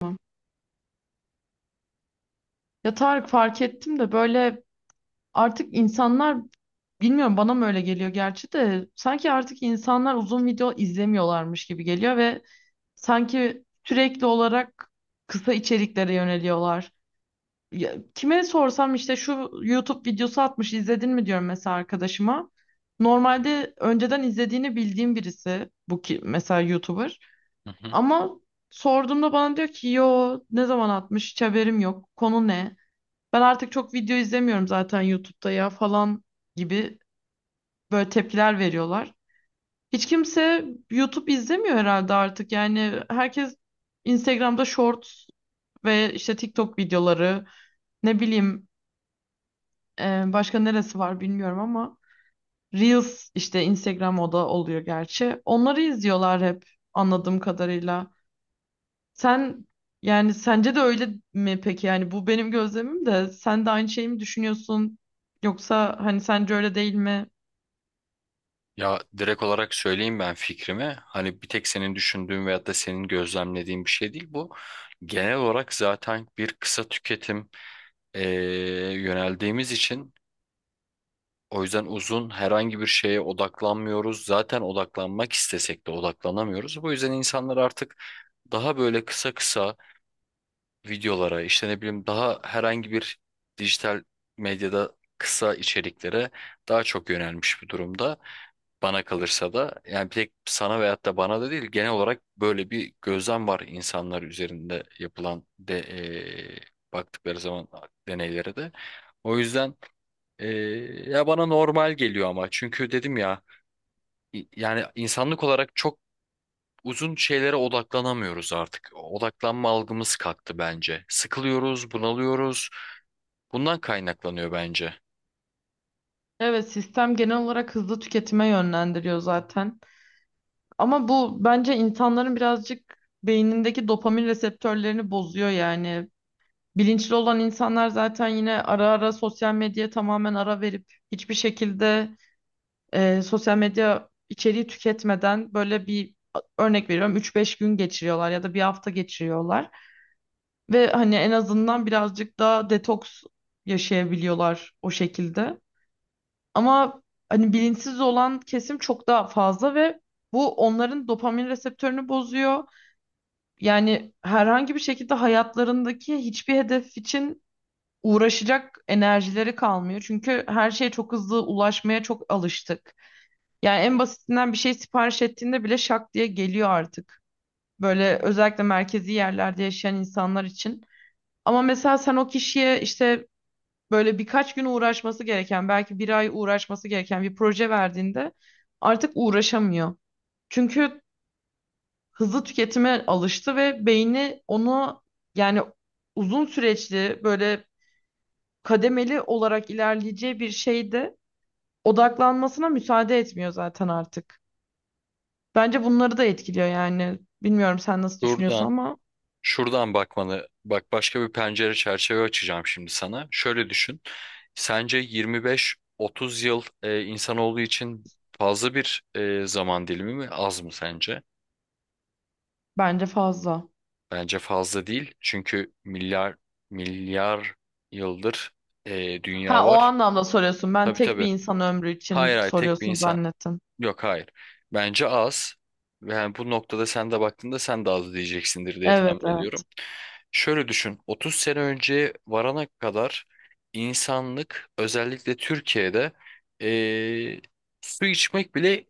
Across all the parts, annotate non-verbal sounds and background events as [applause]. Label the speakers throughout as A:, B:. A: Tamam. Ya Tarık, fark ettim de böyle artık insanlar, bilmiyorum bana mı öyle geliyor gerçi de, sanki artık insanlar uzun video izlemiyorlarmış gibi geliyor ve sanki sürekli olarak kısa içeriklere yöneliyorlar. Ya, kime sorsam işte şu YouTube videosu atmış izledin mi diyorum mesela arkadaşıma. Normalde önceden izlediğini bildiğim birisi bu, ki mesela YouTuber
B: Hı hı.
A: ama sorduğumda bana diyor ki yo, ne zaman atmış, hiç haberim yok, konu ne? Ben artık çok video izlemiyorum zaten YouTube'da ya falan gibi böyle tepkiler veriyorlar. Hiç kimse YouTube izlemiyor herhalde artık. Yani herkes Instagram'da Shorts ve işte TikTok videoları, ne bileyim, e, başka neresi var bilmiyorum ama Reels işte Instagram, o da oluyor gerçi. Onları izliyorlar hep, anladığım kadarıyla. Sen, yani sence de öyle mi peki? Yani bu benim gözlemim, de sen de aynı şeyi mi düşünüyorsun? Yoksa hani sence öyle değil mi?
B: Ya direkt olarak söyleyeyim ben fikrimi. Hani bir tek senin düşündüğün veyahut da senin gözlemlediğin bir şey değil bu. Genel olarak zaten bir kısa tüketim yöneldiğimiz için o yüzden uzun herhangi bir şeye odaklanmıyoruz. Zaten odaklanmak istesek de odaklanamıyoruz. Bu yüzden insanlar artık daha böyle kısa kısa videolara işte ne bileyim daha herhangi bir dijital medyada kısa içeriklere daha çok yönelmiş bir durumda. Bana kalırsa da yani bir tek sana veyahut da bana da değil genel olarak böyle bir gözlem var insanlar üzerinde yapılan de baktıkları zaman deneylere de. O yüzden ya bana normal geliyor ama çünkü dedim ya yani insanlık olarak çok uzun şeylere odaklanamıyoruz artık. Odaklanma algımız kalktı bence. Sıkılıyoruz, bunalıyoruz. Bundan kaynaklanıyor bence.
A: Evet, sistem genel olarak hızlı tüketime yönlendiriyor zaten. Ama bu bence insanların birazcık beynindeki dopamin reseptörlerini bozuyor yani. Bilinçli olan insanlar zaten yine ara ara sosyal medyaya tamamen ara verip hiçbir şekilde sosyal medya içeriği tüketmeden böyle bir, örnek veriyorum, üç beş gün geçiriyorlar ya da bir hafta geçiriyorlar ve hani en azından birazcık daha detoks yaşayabiliyorlar o şekilde. Ama hani bilinçsiz olan kesim çok daha fazla ve bu onların dopamin reseptörünü bozuyor. Yani herhangi bir şekilde hayatlarındaki hiçbir hedef için uğraşacak enerjileri kalmıyor. Çünkü her şeye çok hızlı ulaşmaya çok alıştık. Yani en basitinden bir şey sipariş ettiğinde bile şak diye geliyor artık. Böyle özellikle merkezi yerlerde yaşayan insanlar için. Ama mesela sen o kişiye işte böyle birkaç gün uğraşması gereken, belki bir ay uğraşması gereken bir proje verdiğinde artık uğraşamıyor. Çünkü hızlı tüketime alıştı ve beyni onu, yani uzun süreçli böyle kademeli olarak ilerleyeceği bir şeyde odaklanmasına müsaade etmiyor zaten artık. Bence bunları da etkiliyor yani. Bilmiyorum sen nasıl düşünüyorsun
B: Buradan
A: ama
B: Şuradan bakmanı, bak başka bir pencere çerçeve açacağım şimdi sana. Şöyle düşün. Sence 25-30 yıl insanoğlu için fazla bir zaman dilimi mi, az mı sence?
A: bence fazla.
B: Bence fazla değil. Çünkü milyar milyar yıldır
A: Ha,
B: dünya
A: o
B: var.
A: anlamda soruyorsun. Ben
B: Tabii
A: tek bir
B: tabii.
A: insan ömrü
B: Hayır
A: için
B: hayır tek bir
A: soruyorsun
B: insan.
A: zannettim.
B: Yok hayır. Bence az. Yani bu noktada sen de baktığında sen de az diyeceksindir diye
A: Evet,
B: tahmin
A: evet,
B: ediyorum. Şöyle düşün. 30 sene önce varana kadar insanlık özellikle Türkiye'de eee, su içmek bile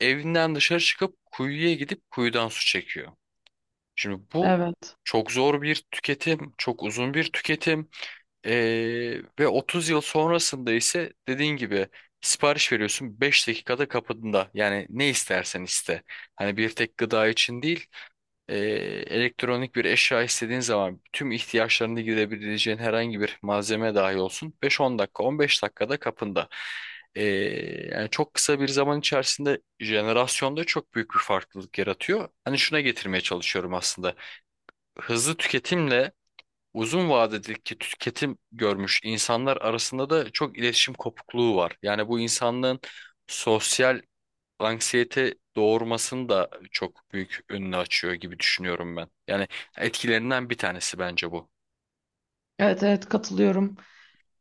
B: evinden dışarı çıkıp kuyuya gidip kuyudan su çekiyor. Şimdi bu
A: evet.
B: çok zor bir tüketim, çok uzun bir tüketim. Ve 30 yıl sonrasında ise dediğin gibi sipariş veriyorsun 5 dakikada kapında. Yani ne istersen iste. Hani bir tek gıda için değil, ee, elektronik bir eşya istediğin zaman tüm ihtiyaçlarını gidebileceğin herhangi bir malzeme dahi olsun 5-10 dakika, 15 dakikada kapında. Ee, Yani çok kısa bir zaman içerisinde jenerasyonda çok büyük bir farklılık yaratıyor. Hani şuna getirmeye çalışıyorum aslında. Hızlı tüketimle uzun vadedeki tüketim görmüş insanlar arasında da çok iletişim kopukluğu var. Yani bu insanlığın sosyal anksiyete doğurmasını da çok büyük önünü açıyor gibi düşünüyorum ben. Yani etkilerinden bir tanesi bence bu.
A: Evet, evet, katılıyorum.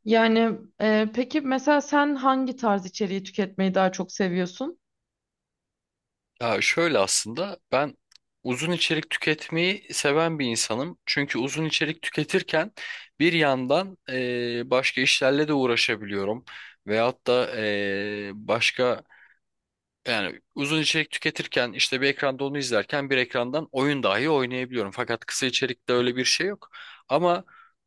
A: Yani peki mesela sen hangi tarz içeriği tüketmeyi daha çok seviyorsun?
B: Ya şöyle aslında ben uzun içerik tüketmeyi seven bir insanım. Çünkü uzun içerik tüketirken bir yandan başka işlerle de uğraşabiliyorum. Veyahut da başka Yani uzun içerik tüketirken işte bir ekranda onu izlerken bir ekrandan oyun dahi oynayabiliyorum. Fakat kısa içerikte öyle bir şey yok. Ama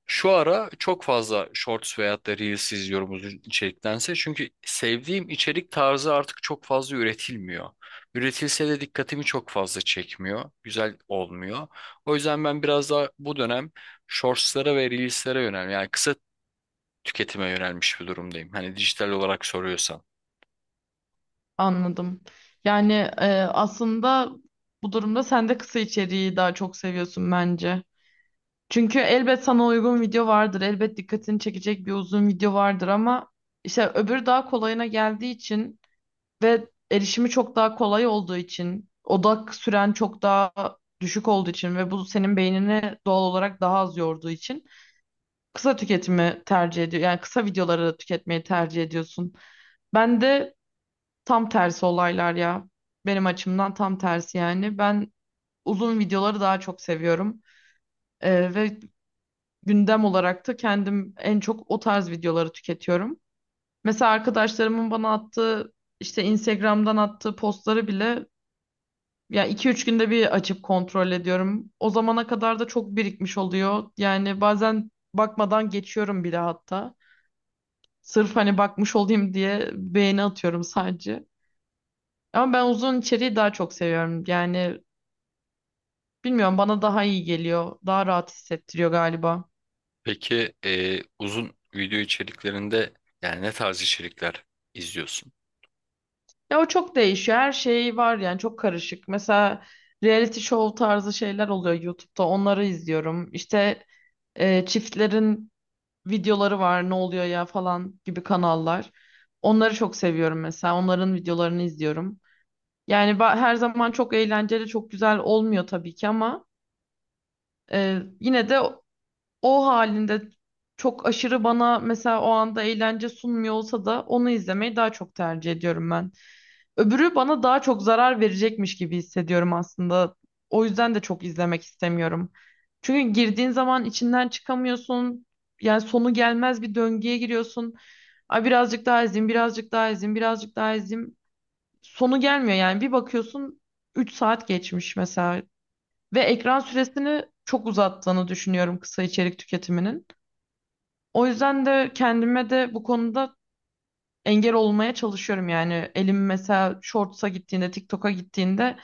B: şu ara çok fazla Shorts veyahut da Reels izliyorum uzun içeriktense. Çünkü sevdiğim içerik tarzı artık çok fazla üretilmiyor. Üretilse de dikkatimi çok fazla çekmiyor. Güzel olmuyor. O yüzden ben biraz daha bu dönem Shorts'lara ve Reels'lere yani kısa tüketime yönelmiş bir durumdayım. Hani dijital olarak soruyorsan.
A: Anladım. Yani, aslında bu durumda sen de kısa içeriği daha çok seviyorsun bence. Çünkü elbet sana uygun video vardır. Elbet dikkatini çekecek bir uzun video vardır ama işte öbürü daha kolayına geldiği için ve erişimi çok daha kolay olduğu için, odak süren çok daha düşük olduğu için ve bu senin beynini doğal olarak daha az yorduğu için kısa tüketimi tercih ediyor. Yani kısa videoları tüketmeyi tercih ediyorsun. Ben de tam tersi olaylar ya. Benim açımdan tam tersi yani. Ben uzun videoları daha çok seviyorum. Ve gündem olarak da kendim en çok o tarz videoları tüketiyorum. Mesela arkadaşlarımın bana attığı, işte Instagram'dan attığı postları bile ya iki üç günde bir açıp kontrol ediyorum. O zamana kadar da çok birikmiş oluyor. Yani bazen bakmadan geçiyorum bile hatta. Sırf hani bakmış olayım diye beğeni atıyorum sadece. Ama ben uzun içeriği daha çok seviyorum. Yani bilmiyorum, bana daha iyi geliyor. Daha rahat hissettiriyor galiba.
B: Peki uzun video içeriklerinde yani ne tarz içerikler izliyorsun?
A: Ya o çok değişiyor. Her şey var yani, çok karışık. Mesela reality show tarzı şeyler oluyor YouTube'da. Onları izliyorum. İşte çiftlerin videoları var. Ne oluyor ya falan gibi kanallar. Onları çok seviyorum mesela. Onların videolarını izliyorum. Yani her zaman çok eğlenceli, çok güzel olmuyor tabii ki ama yine de o halinde çok aşırı, bana mesela o anda eğlence sunmuyor olsa da onu izlemeyi daha çok tercih ediyorum ben. Öbürü bana daha çok zarar verecekmiş gibi hissediyorum aslında. O yüzden de çok izlemek istemiyorum. Çünkü girdiğin zaman içinden çıkamıyorsun. Yani sonu gelmez bir döngüye giriyorsun. Ay, birazcık daha izleyeyim, birazcık daha izleyeyim, birazcık daha izleyeyim. Sonu gelmiyor yani. Bir bakıyorsun 3 saat geçmiş mesela. Ve ekran süresini çok uzattığını düşünüyorum kısa içerik tüketiminin. O yüzden de kendime de bu konuda engel olmaya çalışıyorum yani. Elim mesela Shorts'a gittiğinde, TikTok'a gittiğinde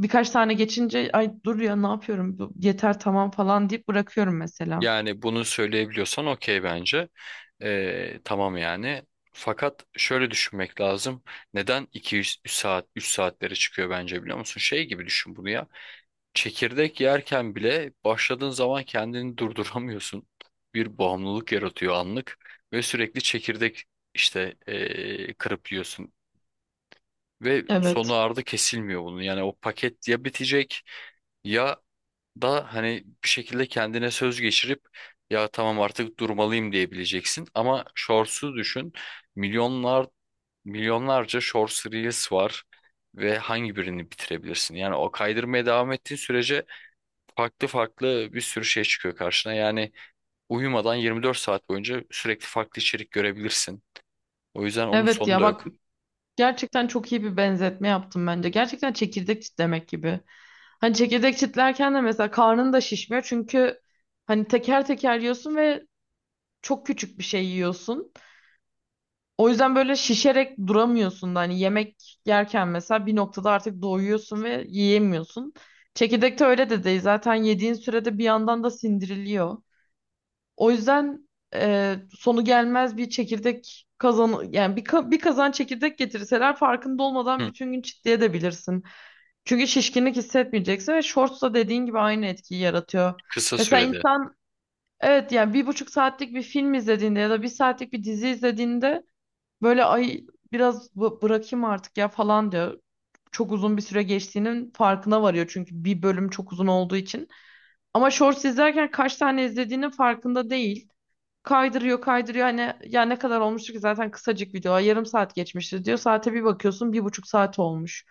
A: birkaç tane geçince ay dur ya, ne yapıyorum? Yeter, tamam falan deyip bırakıyorum mesela.
B: Yani bunu söyleyebiliyorsan okey bence. E, tamam yani. Fakat şöyle düşünmek lazım. Neden 2-3 saat, 3 saatlere çıkıyor bence biliyor musun? Şey gibi düşün bunu ya. Çekirdek yerken bile başladığın zaman kendini durduramıyorsun. Bir bağımlılık yaratıyor anlık ve sürekli çekirdek işte kırıp yiyorsun. Ve sonu
A: Evet.
B: ardı kesilmiyor bunun. Yani o paket ya bitecek ya da hani bir şekilde kendine söz geçirip ya tamam artık durmalıyım diyebileceksin. Ama Shorts'u düşün. Milyonlar milyonlarca Shorts Reels var ve hangi birini bitirebilirsin? Yani o kaydırmaya devam ettiğin sürece farklı farklı bir sürü şey çıkıyor karşına. Yani uyumadan 24 saat boyunca sürekli farklı içerik görebilirsin. O yüzden onun
A: Evet
B: sonu
A: ya
B: da
A: bak,
B: yok.
A: gerçekten çok iyi bir benzetme yaptım bence. Gerçekten çekirdek çitlemek gibi. Hani çekirdek çitlerken de mesela karnın da şişmiyor çünkü hani teker teker yiyorsun ve çok küçük bir şey yiyorsun. O yüzden böyle şişerek duramıyorsun da, hani yemek yerken mesela bir noktada artık doyuyorsun ve yiyemiyorsun. Çekirdekte öyle de değil. Zaten yediğin sürede bir yandan da sindiriliyor. O yüzden sonu gelmez bir çekirdek kazan, yani bir kazan çekirdek getirseler farkında olmadan
B: Hı,
A: bütün gün çitli. Çünkü şişkinlik hissetmeyeceksin ve Shorts da dediğin gibi aynı etkiyi yaratıyor.
B: kısa
A: Mesela
B: sürede.
A: insan, evet yani 1,5 saatlik bir film izlediğinde ya da bir saatlik bir dizi izlediğinde böyle, ay biraz bırakayım artık ya falan diyor. Çok uzun bir süre geçtiğinin farkına varıyor çünkü bir bölüm çok uzun olduğu için. Ama Shorts izlerken kaç tane izlediğinin farkında değil. Kaydırıyor kaydırıyor, hani ya ne kadar olmuştu ki zaten kısacık video, yarım saat geçmişti diyor. Saate bir bakıyorsun 1,5 saat olmuş.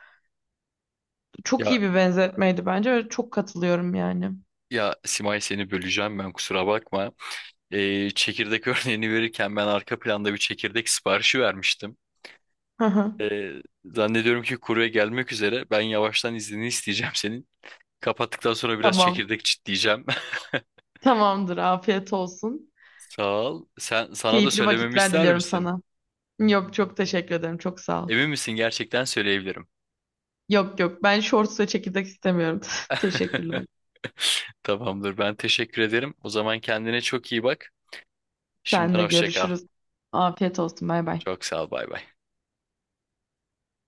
A: Çok
B: Ya
A: iyi bir benzetmeydi bence ve çok katılıyorum yani.
B: Ya Simay, seni böleceğim, ben kusura bakma. Çekirdek [laughs] örneğini verirken ben arka planda bir çekirdek siparişi vermiştim.
A: Hı hı.
B: Ee, Zannediyorum ki kurye gelmek üzere. Ben yavaştan iznini isteyeceğim senin. Kapattıktan sonra biraz
A: Tamam,
B: çekirdek çitleyeceğim. [laughs]
A: tamamdır, afiyet olsun.
B: Sağ ol. Sana da
A: Keyifli
B: söylememi
A: vakitler
B: ister
A: diliyorum
B: misin?
A: sana. Yok çok teşekkür ederim, çok sağ ol.
B: Emin misin, gerçekten söyleyebilirim.
A: Yok yok, ben Shorts ve çekirdek istemiyorum. [laughs] Teşekkürler.
B: [laughs] Tamamdır, ben teşekkür ederim. O zaman kendine çok iyi bak.
A: Sen
B: Şimdiden
A: de
B: hoşça kal.
A: görüşürüz. Afiyet olsun, bay bay.
B: Çok sağ ol, bay bay.